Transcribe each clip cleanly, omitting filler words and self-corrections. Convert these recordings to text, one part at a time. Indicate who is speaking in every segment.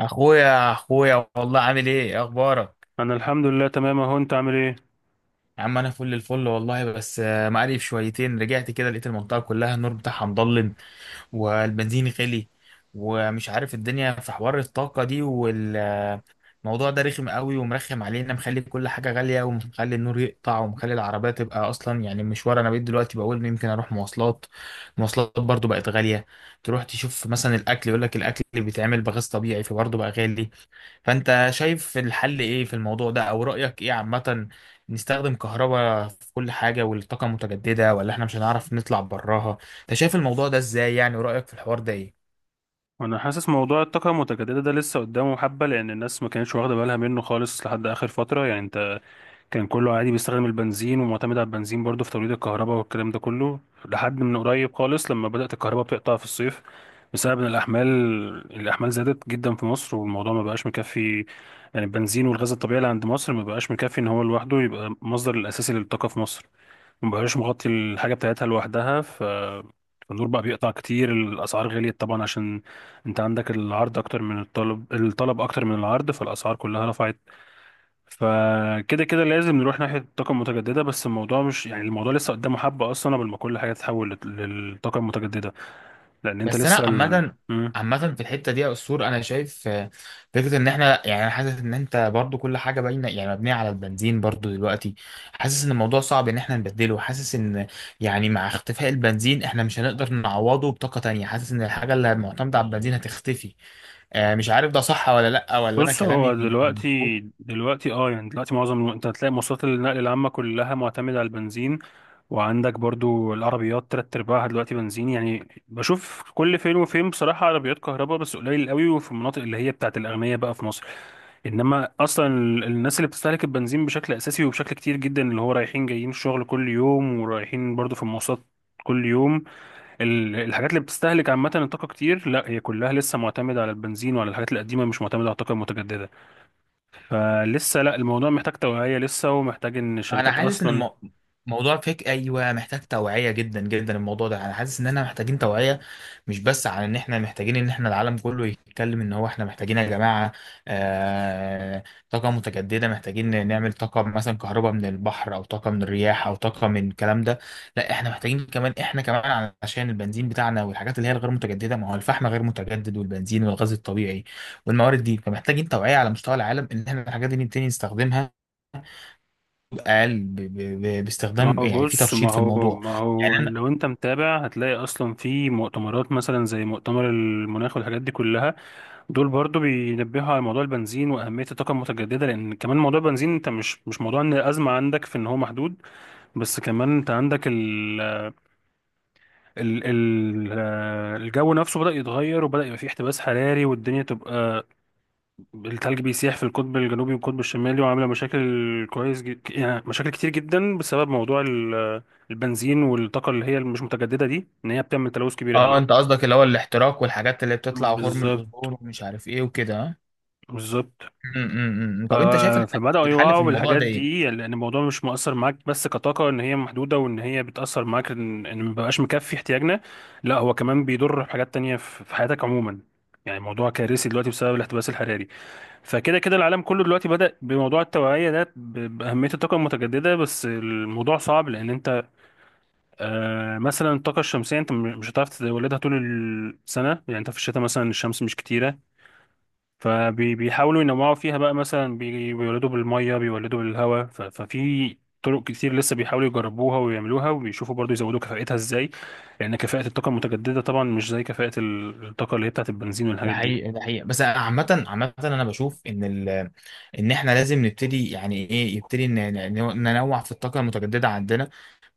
Speaker 1: اخويا، والله عامل ايه؟ اخبارك؟
Speaker 2: انا الحمد لله تمام اهو، انت عامل ايه؟
Speaker 1: يا عم انا فل الفل والله. بس مقرف شويتين. رجعت كده لقيت المنطقه كلها النور بتاعها مضلم، والبنزين غلي، ومش عارف الدنيا في حوار الطاقه دي والموضوع ده رخم قوي ومرخم علينا، مخلي كل حاجه غاليه، ومخلي النور يقطع، ومخلي العربيه تبقى اصلا يعني مشوار. انا بقيت دلوقتي بقول يمكن اروح مواصلات. المواصلات برضو بقت غاليه. تروح تشوف مثلا الاكل، يقول لك الاكل اللي بيتعمل بغاز طبيعي فبرضه بقى غالي. فانت شايف الحل ايه في الموضوع ده، او رأيك ايه عامة؟ نستخدم كهرباء في كل حاجة والطاقة المتجددة، ولا احنا مش هنعرف نطلع براها؟ انت شايف الموضوع ده ازاي يعني، ورأيك في الحوار ده ايه؟
Speaker 2: وانا حاسس موضوع الطاقه المتجدده ده لسه قدامه حبه، لان الناس ما كانتش واخده بالها منه خالص لحد اخر فتره يعني، انت كان كله عادي بيستخدم البنزين ومعتمد على البنزين برضه في توليد الكهرباء والكلام ده كله. لحد من قريب خالص لما بدات الكهرباء بتقطع في الصيف بسبب ان الاحمال زادت جدا في مصر والموضوع ما بقاش مكفي. يعني البنزين والغاز الطبيعي اللي عند مصر ما بقاش مكفي ان هو لوحده يبقى المصدر الاساسي للطاقه في مصر، ما بقاش مغطي الحاجه بتاعتها لوحدها. فالنور بقى بيقطع كتير، الأسعار غليت طبعا عشان أنت عندك العرض أكتر من الطلب، الطلب أكتر من العرض فالأسعار كلها رفعت. فكده كده لازم نروح ناحية الطاقة المتجددة، بس الموضوع مش يعني الموضوع لسه قدامه حبة أصلا قبل ما كل حاجة تتحول للطاقة المتجددة لأن أنت
Speaker 1: بس انا
Speaker 2: لسه.
Speaker 1: عامة،
Speaker 2: مم.
Speaker 1: في الحتة دي يا أسطور، أنا شايف، فكرة إن إحنا، يعني أنا حاسس إن أنت برضو كل حاجة باينة يعني مبنية على البنزين برضو دلوقتي. حاسس إن الموضوع صعب، إن إحنا نبدله. حاسس إن، يعني مع اختفاء البنزين إحنا مش هنقدر نعوضه بطاقة تانية. حاسس إن الحاجة اللي معتمدة على البنزين هتختفي. مش عارف ده صح ولا لأ، ولا أنا
Speaker 2: بص هو
Speaker 1: كلامي مظبوط.
Speaker 2: دلوقتي يعني دلوقتي معظم انت هتلاقي مواصلات النقل العامة كلها معتمدة على البنزين. وعندك برضو العربيات تلات ارباعها دلوقتي بنزين، يعني بشوف كل فين وفين بصراحة عربيات كهرباء بس قليل قوي، وفي المناطق اللي هي بتاعت الأغنياء بقى في مصر. انما اصلا الناس اللي بتستهلك البنزين بشكل اساسي وبشكل كتير جدا اللي هو رايحين جايين الشغل كل يوم ورايحين برضو في المواصلات كل يوم، الحاجات اللي بتستهلك عامة الطاقة كتير لا هي كلها لسه معتمدة على البنزين وعلى الحاجات القديمة، مش معتمدة على الطاقة المتجددة. فلسه لا الموضوع محتاج توعية لسه، ومحتاج ان
Speaker 1: انا
Speaker 2: الشركات
Speaker 1: حاسس ان
Speaker 2: اصلا
Speaker 1: موضوع فيك، ايوه محتاج توعيه جدا جدا الموضوع ده. انا حاسس ان احنا محتاجين توعيه، مش بس على ان احنا محتاجين ان احنا العالم كله يتكلم ان هو احنا محتاجين يا جماعه، آه طاقه متجدده. محتاجين نعمل طاقه مثلا كهرباء من البحر، او طاقه من الرياح، او طاقه من الكلام ده. لا، احنا محتاجين كمان، احنا كمان عشان البنزين بتاعنا والحاجات اللي هي الغير متجدده. ما هو الفحم غير متجدد، والبنزين والغاز الطبيعي، والموارد دي. فمحتاجين توعيه على مستوى العالم، ان احنا الحاجات دي نبتدي نستخدمها اقل
Speaker 2: ما
Speaker 1: باستخدام،
Speaker 2: هو
Speaker 1: يعني في
Speaker 2: بص ما
Speaker 1: ترشيد في
Speaker 2: هو
Speaker 1: الموضوع.
Speaker 2: ما
Speaker 1: يعني
Speaker 2: هو
Speaker 1: انا
Speaker 2: لو انت متابع هتلاقي اصلا في مؤتمرات مثلا زي مؤتمر المناخ والحاجات دي كلها. دول برضو بينبهوا على موضوع البنزين واهمية الطاقة المتجددة، لان كمان موضوع البنزين انت مش موضوع ان الازمة عندك في ان هو محدود. بس كمان انت عندك ال ال ال آه، الجو نفسه بدأ يتغير وبدأ يبقى فيه احتباس حراري والدنيا تبقى، التلج بيسيح في القطب الجنوبي والقطب الشمالي وعامله مشاكل يعني مشاكل كتير جدا بسبب موضوع البنزين والطاقه اللي هي مش متجدده دي ان هي بتعمل تلوث كبير قوي.
Speaker 1: اه، انت قصدك اللي هو الاحتراق والحاجات اللي بتطلع وخرم
Speaker 2: بالظبط،
Speaker 1: الاوزون ومش عارف ايه وكده، ها؟
Speaker 2: بالظبط.
Speaker 1: م- م- م.
Speaker 2: ف...
Speaker 1: طب انت شايف
Speaker 2: فبداوا
Speaker 1: الحل في
Speaker 2: يوعوا
Speaker 1: الموضوع
Speaker 2: بالحاجات
Speaker 1: ده ايه؟
Speaker 2: دي، يعني لان الموضوع مش مؤثر معاك بس كطاقه ان هي محدوده وان هي بتاثر معاك إن مبقاش مكفي احتياجنا. لا هو كمان بيضر بحاجات تانية في حياتك عموما، يعني موضوع كارثي دلوقتي بسبب الاحتباس الحراري. فكده كده العالم كله دلوقتي بدأ بموضوع التوعية ده بأهمية الطاقة المتجددة، بس الموضوع صعب لأن أنت مثلا الطاقة الشمسية أنت مش هتعرف تولدها طول السنة، يعني أنت في الشتاء مثلا الشمس مش كتيرة. فبيحاولوا ينوعوا فيها بقى مثلا بيولدوا بالمية، بيولدوا بالهواء، ففي طرق كتير لسه بيحاولوا يجربوها ويعملوها، وبيشوفوا برضو يزودوا كفاءتها ازاي، لأن كفاءة الطاقة المتجددة طبعا مش زي كفاءة الطاقة اللي هي بتاعت البنزين
Speaker 1: ده
Speaker 2: والحاجات دي.
Speaker 1: حقيقة، ده حقيقة. بس عامة أنا بشوف إن إن إحنا لازم نبتدي يعني إيه، يبتدي ننوع في الطاقة المتجددة عندنا،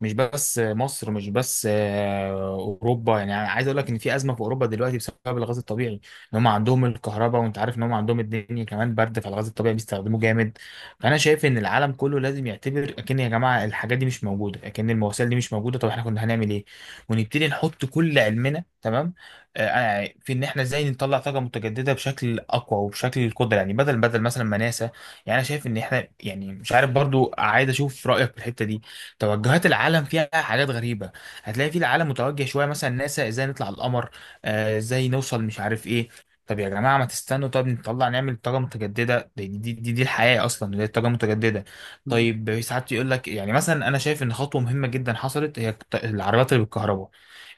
Speaker 1: مش بس مصر، مش بس أوروبا. يعني عايز أقول لك إن في أزمة في أوروبا دلوقتي بسبب الغاز الطبيعي، إن هم عندهم الكهرباء وأنت عارف إن هم عندهم الدنيا كمان برد، فالغاز الطبيعي بيستخدموه جامد. فأنا شايف إن العالم كله لازم يعتبر أكن يا جماعة الحاجات دي مش موجودة، أكن المواسير دي مش موجودة، طب إحنا كنا هنعمل إيه؟ ونبتدي نحط كل علمنا، تمام، في ان احنا ازاي نطلع طاقه متجدده بشكل اقوى وبشكل القدره، يعني بدل مثلا ما ناسا. يعني انا شايف ان احنا، يعني مش عارف برضو، عايز اشوف رايك في الحته دي. توجهات العالم فيها حاجات غريبه. هتلاقي في العالم متوجه شويه، مثلا ناسا ازاي نطلع القمر، ازاي نوصل مش عارف ايه. طب يا جماعه ما تستنوا، طب نطلع نعمل طاقه متجدده. دي الحياه اصلا، دي الطاقه المتجدده. طيب ساعات يقول لك يعني، مثلا انا شايف ان خطوه مهمه جدا حصلت، هي العربيات اللي بالكهرباء.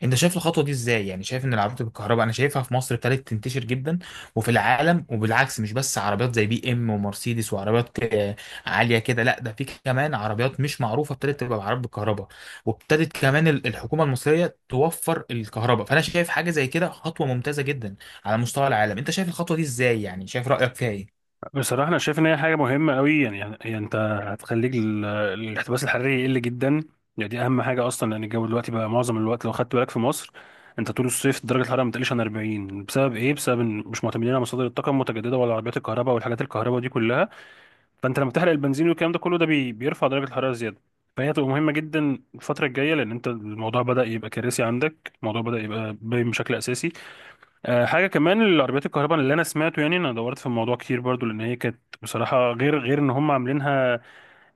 Speaker 1: انت شايف الخطوه دي ازاي، يعني شايف ان العربيات بالكهرباء؟ انا شايفها في مصر ابتدت تنتشر جدا وفي العالم وبالعكس. مش بس عربيات زي بي ام ومرسيدس وعربيات عاليه كده، لا ده في كمان عربيات مش معروفه ابتدت تبقى بعربيات بالكهرباء. وابتدت كمان الحكومه المصريه توفر الكهرباء، فانا شايف حاجه زي كده خطوه ممتازه جدا على مستوى العالم. انت شايف الخطوه دي ازاي، يعني شايف رايك فيها ايه؟
Speaker 2: بصراحة أنا شايف إن هي حاجة مهمة أوي، يعني أنت هتخليك الاحتباس الحراري يقل جدا، يعني دي أهم حاجة أصلا لأن الجو دلوقتي بقى معظم الوقت لو خدت بالك في مصر أنت طول الصيف درجة الحرارة ما بتقلش عن 40 بسبب إيه؟ بسبب إن مش معتمدين على مصادر الطاقة المتجددة ولا عربيات الكهرباء والحاجات الكهرباء دي كلها، فأنت لما تحرق البنزين والكلام ده كله ده بيرفع درجة الحرارة زيادة. فهي هتبقى مهمة جدا الفترة الجاية لأن أنت الموضوع بدأ يبقى كارثي عندك، الموضوع بدأ يبقى باين بشكل أساسي. حاجه كمان العربيات الكهرباء اللي انا سمعته، يعني انا دورت في الموضوع كتير برضو لان هي كانت بصراحه غير ان هم عاملينها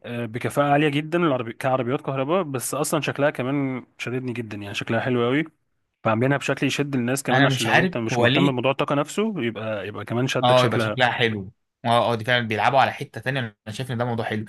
Speaker 2: بكفاءه عاليه جدا العربي كعربيات كهرباء، بس اصلا شكلها كمان شددني جدا يعني شكلها حلو قوي. فعاملينها بشكل يشد الناس كمان،
Speaker 1: انا
Speaker 2: عشان
Speaker 1: مش
Speaker 2: لو
Speaker 1: عارف
Speaker 2: انت مش
Speaker 1: هو
Speaker 2: مهتم
Speaker 1: ليه.
Speaker 2: بموضوع الطاقه نفسه يبقى كمان شدك
Speaker 1: اه يبقى
Speaker 2: شكلها.
Speaker 1: شكلها حلو. اه، اه، دي فعلا بيلعبوا على حته تانيه، انا شايف ان ده موضوع حلو.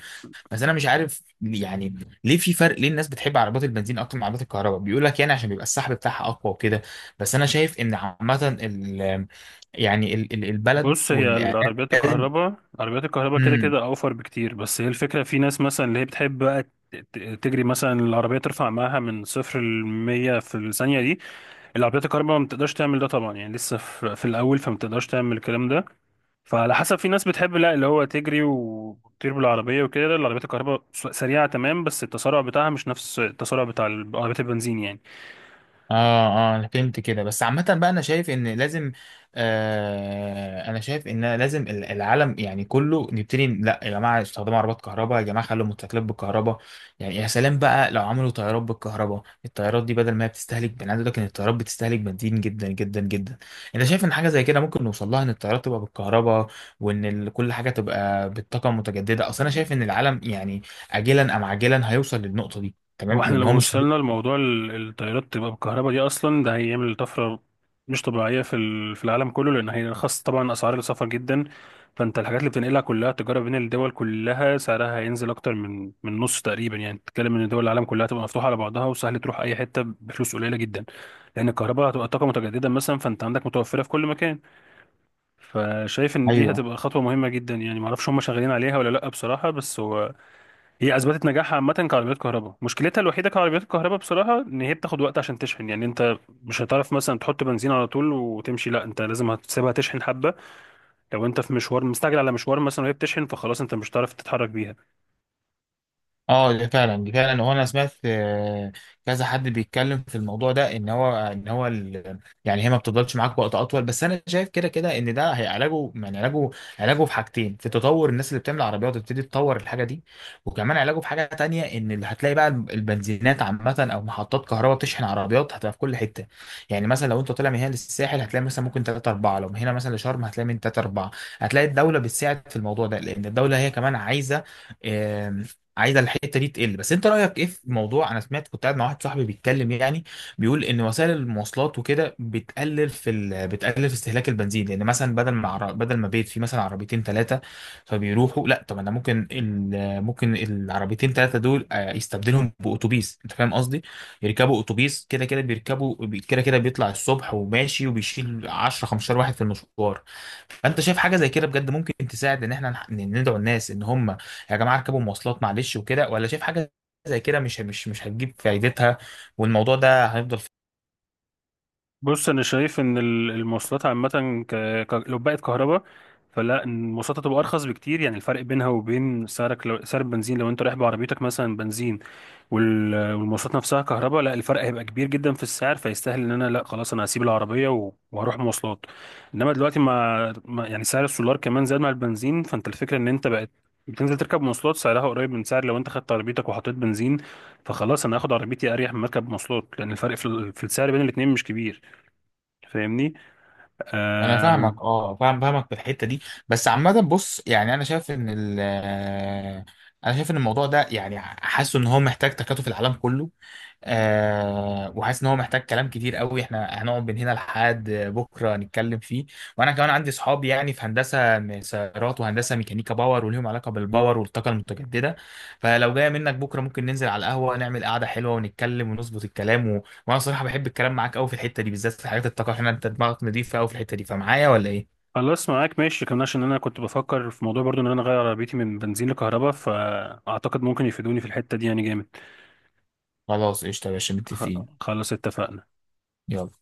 Speaker 1: بس انا مش عارف يعني ليه في فرق، ليه الناس بتحب عربيات البنزين اكتر من عربيات الكهرباء؟ بيقول لك يعني عشان بيبقى السحب بتاعها اقوى وكده. بس انا شايف ان عامه، ال يعني ال ال- البلد
Speaker 2: بص هي
Speaker 1: والاعلام
Speaker 2: العربيات
Speaker 1: لازم.
Speaker 2: الكهرباء، عربيات الكهرباء كده
Speaker 1: مم.
Speaker 2: كده اوفر بكتير، بس هي الفكره في ناس مثلا اللي هي بتحب بقى تجري مثلا العربيه ترفع معاها من 0 ل 100 في الثانيه دي، العربيات الكهرباء ما بتقدرش تعمل ده طبعا، يعني لسه في الاول فما بتقدرش تعمل الكلام ده. فعلى حسب في ناس بتحب لا اللي هو تجري وتطير بالعربيه وكده، العربيات الكهرباء سريعه تمام، بس التسارع بتاعها مش نفس التسارع بتاع العربيات البنزين يعني.
Speaker 1: اه، اه، انا فهمت كده. بس عامة بقى انا شايف ان لازم، انا شايف ان لازم العالم يعني كله نبتدي. لا يا جماعة استخدموا عربات كهرباء، يا جماعة خلوا الموتوسيكلات بالكهرباء. يعني يا سلام بقى لو عملوا طيارات بالكهرباء. الطيارات دي بدل ما هي بتستهلك بنزين، عايز أقول لك ان الطيارات بتستهلك بنزين جدا جدا جدا. انت شايف ان حاجة زي كده ممكن نوصل لها، ان الطيارات تبقى بالكهرباء، وان كل حاجة تبقى بالطاقة المتجددة؟ اصل انا شايف ان العالم، يعني اجلا ام عاجلا هيوصل للنقطة دي،
Speaker 2: هو
Speaker 1: تمام،
Speaker 2: احنا
Speaker 1: لان هو
Speaker 2: لو
Speaker 1: مش
Speaker 2: وصلنا
Speaker 1: هيبقى-
Speaker 2: لموضوع الطيارات تبقى بالكهرباء دي اصلا ده هيعمل طفره مش طبيعيه في في العالم كله، لان هيرخص طبعا اسعار السفر جدا. فانت الحاجات اللي بتنقلها كلها تجاره بين الدول كلها سعرها هينزل اكتر من نص تقريبا، يعني تتكلم ان دول العالم كلها تبقى مفتوحه على بعضها وسهل تروح اي حته بفلوس قليله جدا، لان الكهرباء هتبقى طاقه متجدده مثلا فانت عندك متوفره في كل مكان. فشايف ان دي
Speaker 1: ايوه.
Speaker 2: هتبقى خطوه مهمه جدا، يعني معرفش هم شغالين عليها ولا لا بصراحه، بس هو هي اثبتت نجاحها عامه كعربيات كهرباء، مشكلتها الوحيده كعربيات الكهرباء بصراحه ان هي بتاخد وقت عشان تشحن، يعني انت مش هتعرف مثلا تحط بنزين على طول وتمشي، لا انت لازم هتسيبها تشحن حبه. لو انت في مشوار مستعجل على مشوار مثلا وهي بتشحن فخلاص انت مش هتعرف تتحرك بيها.
Speaker 1: اه، دي فعلا، هو انا سمعت، كذا حد بيتكلم في الموضوع ده، ان هو يعني هي ما بتفضلش معاك وقت اطول. بس انا شايف كده كده ان ده هي علاجه، يعني علاجه. علاجه في حاجتين، في تطور الناس اللي بتعمل عربيات تبتدي تطور الحاجه دي. وكمان علاجه في حاجه تانية، ان اللي هتلاقي بقى البنزينات عامه او محطات كهرباء بتشحن عربيات هتبقى في كل حته. يعني مثلا لو انت طالع من هنا للساحل هتلاقي مثلا ممكن 3 4، لو من هنا مثلا لشرم هتلاقي من 3 4. هتلاقي الدوله بتساعد في الموضوع ده، لان الدوله هي كمان عايزه، الحته دي تقل. بس انت رايك ايه في موضوع انا سمعت، كنت قاعد مع واحد صاحبي بيتكلم يعني بيقول ان وسائل المواصلات وكده بتقلل في بتقلل في استهلاك البنزين. لان مثلا بدل ما بيت فيه مثلا عربيتين ثلاثه فبيروحوا، لا طب انا ممكن ممكن العربيتين ثلاثه دول يستبدلهم باتوبيس. انت فاهم قصدي؟ يركبوا اتوبيس، كده كده بيركبوا، كده كده بيطلع الصبح وماشي، وبيشيل 10 15 واحد في المشوار. فانت شايف حاجه زي كده بجد ممكن تساعد، ان احنا ندعو الناس ان هم يا جماعه اركبوا مواصلات، معلش وكده؟ ولا شايف حاجه زي كده مش هتجيب فايدتها والموضوع ده هيفضل
Speaker 2: بص انا شايف ان المواصلات عامه ك... لو بقت كهرباء، فلا إن المواصلات هتبقى ارخص بكتير، يعني الفرق بينها وبين سعرك سعر البنزين لو انت رايح بعربيتك مثلا بنزين والمواصلات نفسها كهرباء، لا الفرق هيبقى كبير جدا في السعر، فيستاهل ان انا لا خلاص انا هسيب العربيه وهروح مواصلات. انما دلوقتي يعني سعر السولار كمان زاد مع البنزين، فانت الفكره ان انت بقت بتنزل تركب مواصلات سعرها قريب من سعر لو انت خدت عربيتك وحطيت بنزين، فخلاص انا هاخد عربيتي اريح من مركب مواصلات لان الفرق في في السعر بين الاتنين مش كبير، فاهمني؟
Speaker 1: انا
Speaker 2: آه،
Speaker 1: فاهمك، اه فاهم، في الحته دي. بس عامه بص، يعني انا شايف ان ال آه، انا شايف ان الموضوع ده، يعني حاسه ان هو محتاج تكاتف العالم كله. وحاسس ان هو محتاج كلام كتير قوي، احنا هنقعد من هنا لحد بكره نتكلم فيه. وانا كمان عندي صحاب يعني في هندسه سيارات وهندسه ميكانيكا باور، وليهم علاقه بالباور والطاقه المتجدده. فلو جايه منك بكره ممكن ننزل على القهوه نعمل قعده حلوه ونتكلم ونظبط الكلام، وانا صراحه بحب الكلام معاك قوي في الحته دي بالذات في حاجات الطاقه، عشان انت دماغك نضيفه قوي في الحته دي، فمعايا ولا ايه؟
Speaker 2: خلاص معاك ماشي كمان عشان انا كنت بفكر في موضوع برضو ان انا اغير عربيتي من بنزين لكهرباء، فاعتقد ممكن يفيدوني في الحته دي يعني جامد.
Speaker 1: خلاص قشطه يا باشا،
Speaker 2: خ-
Speaker 1: متفقين.
Speaker 2: خلاص اتفقنا.
Speaker 1: يلا.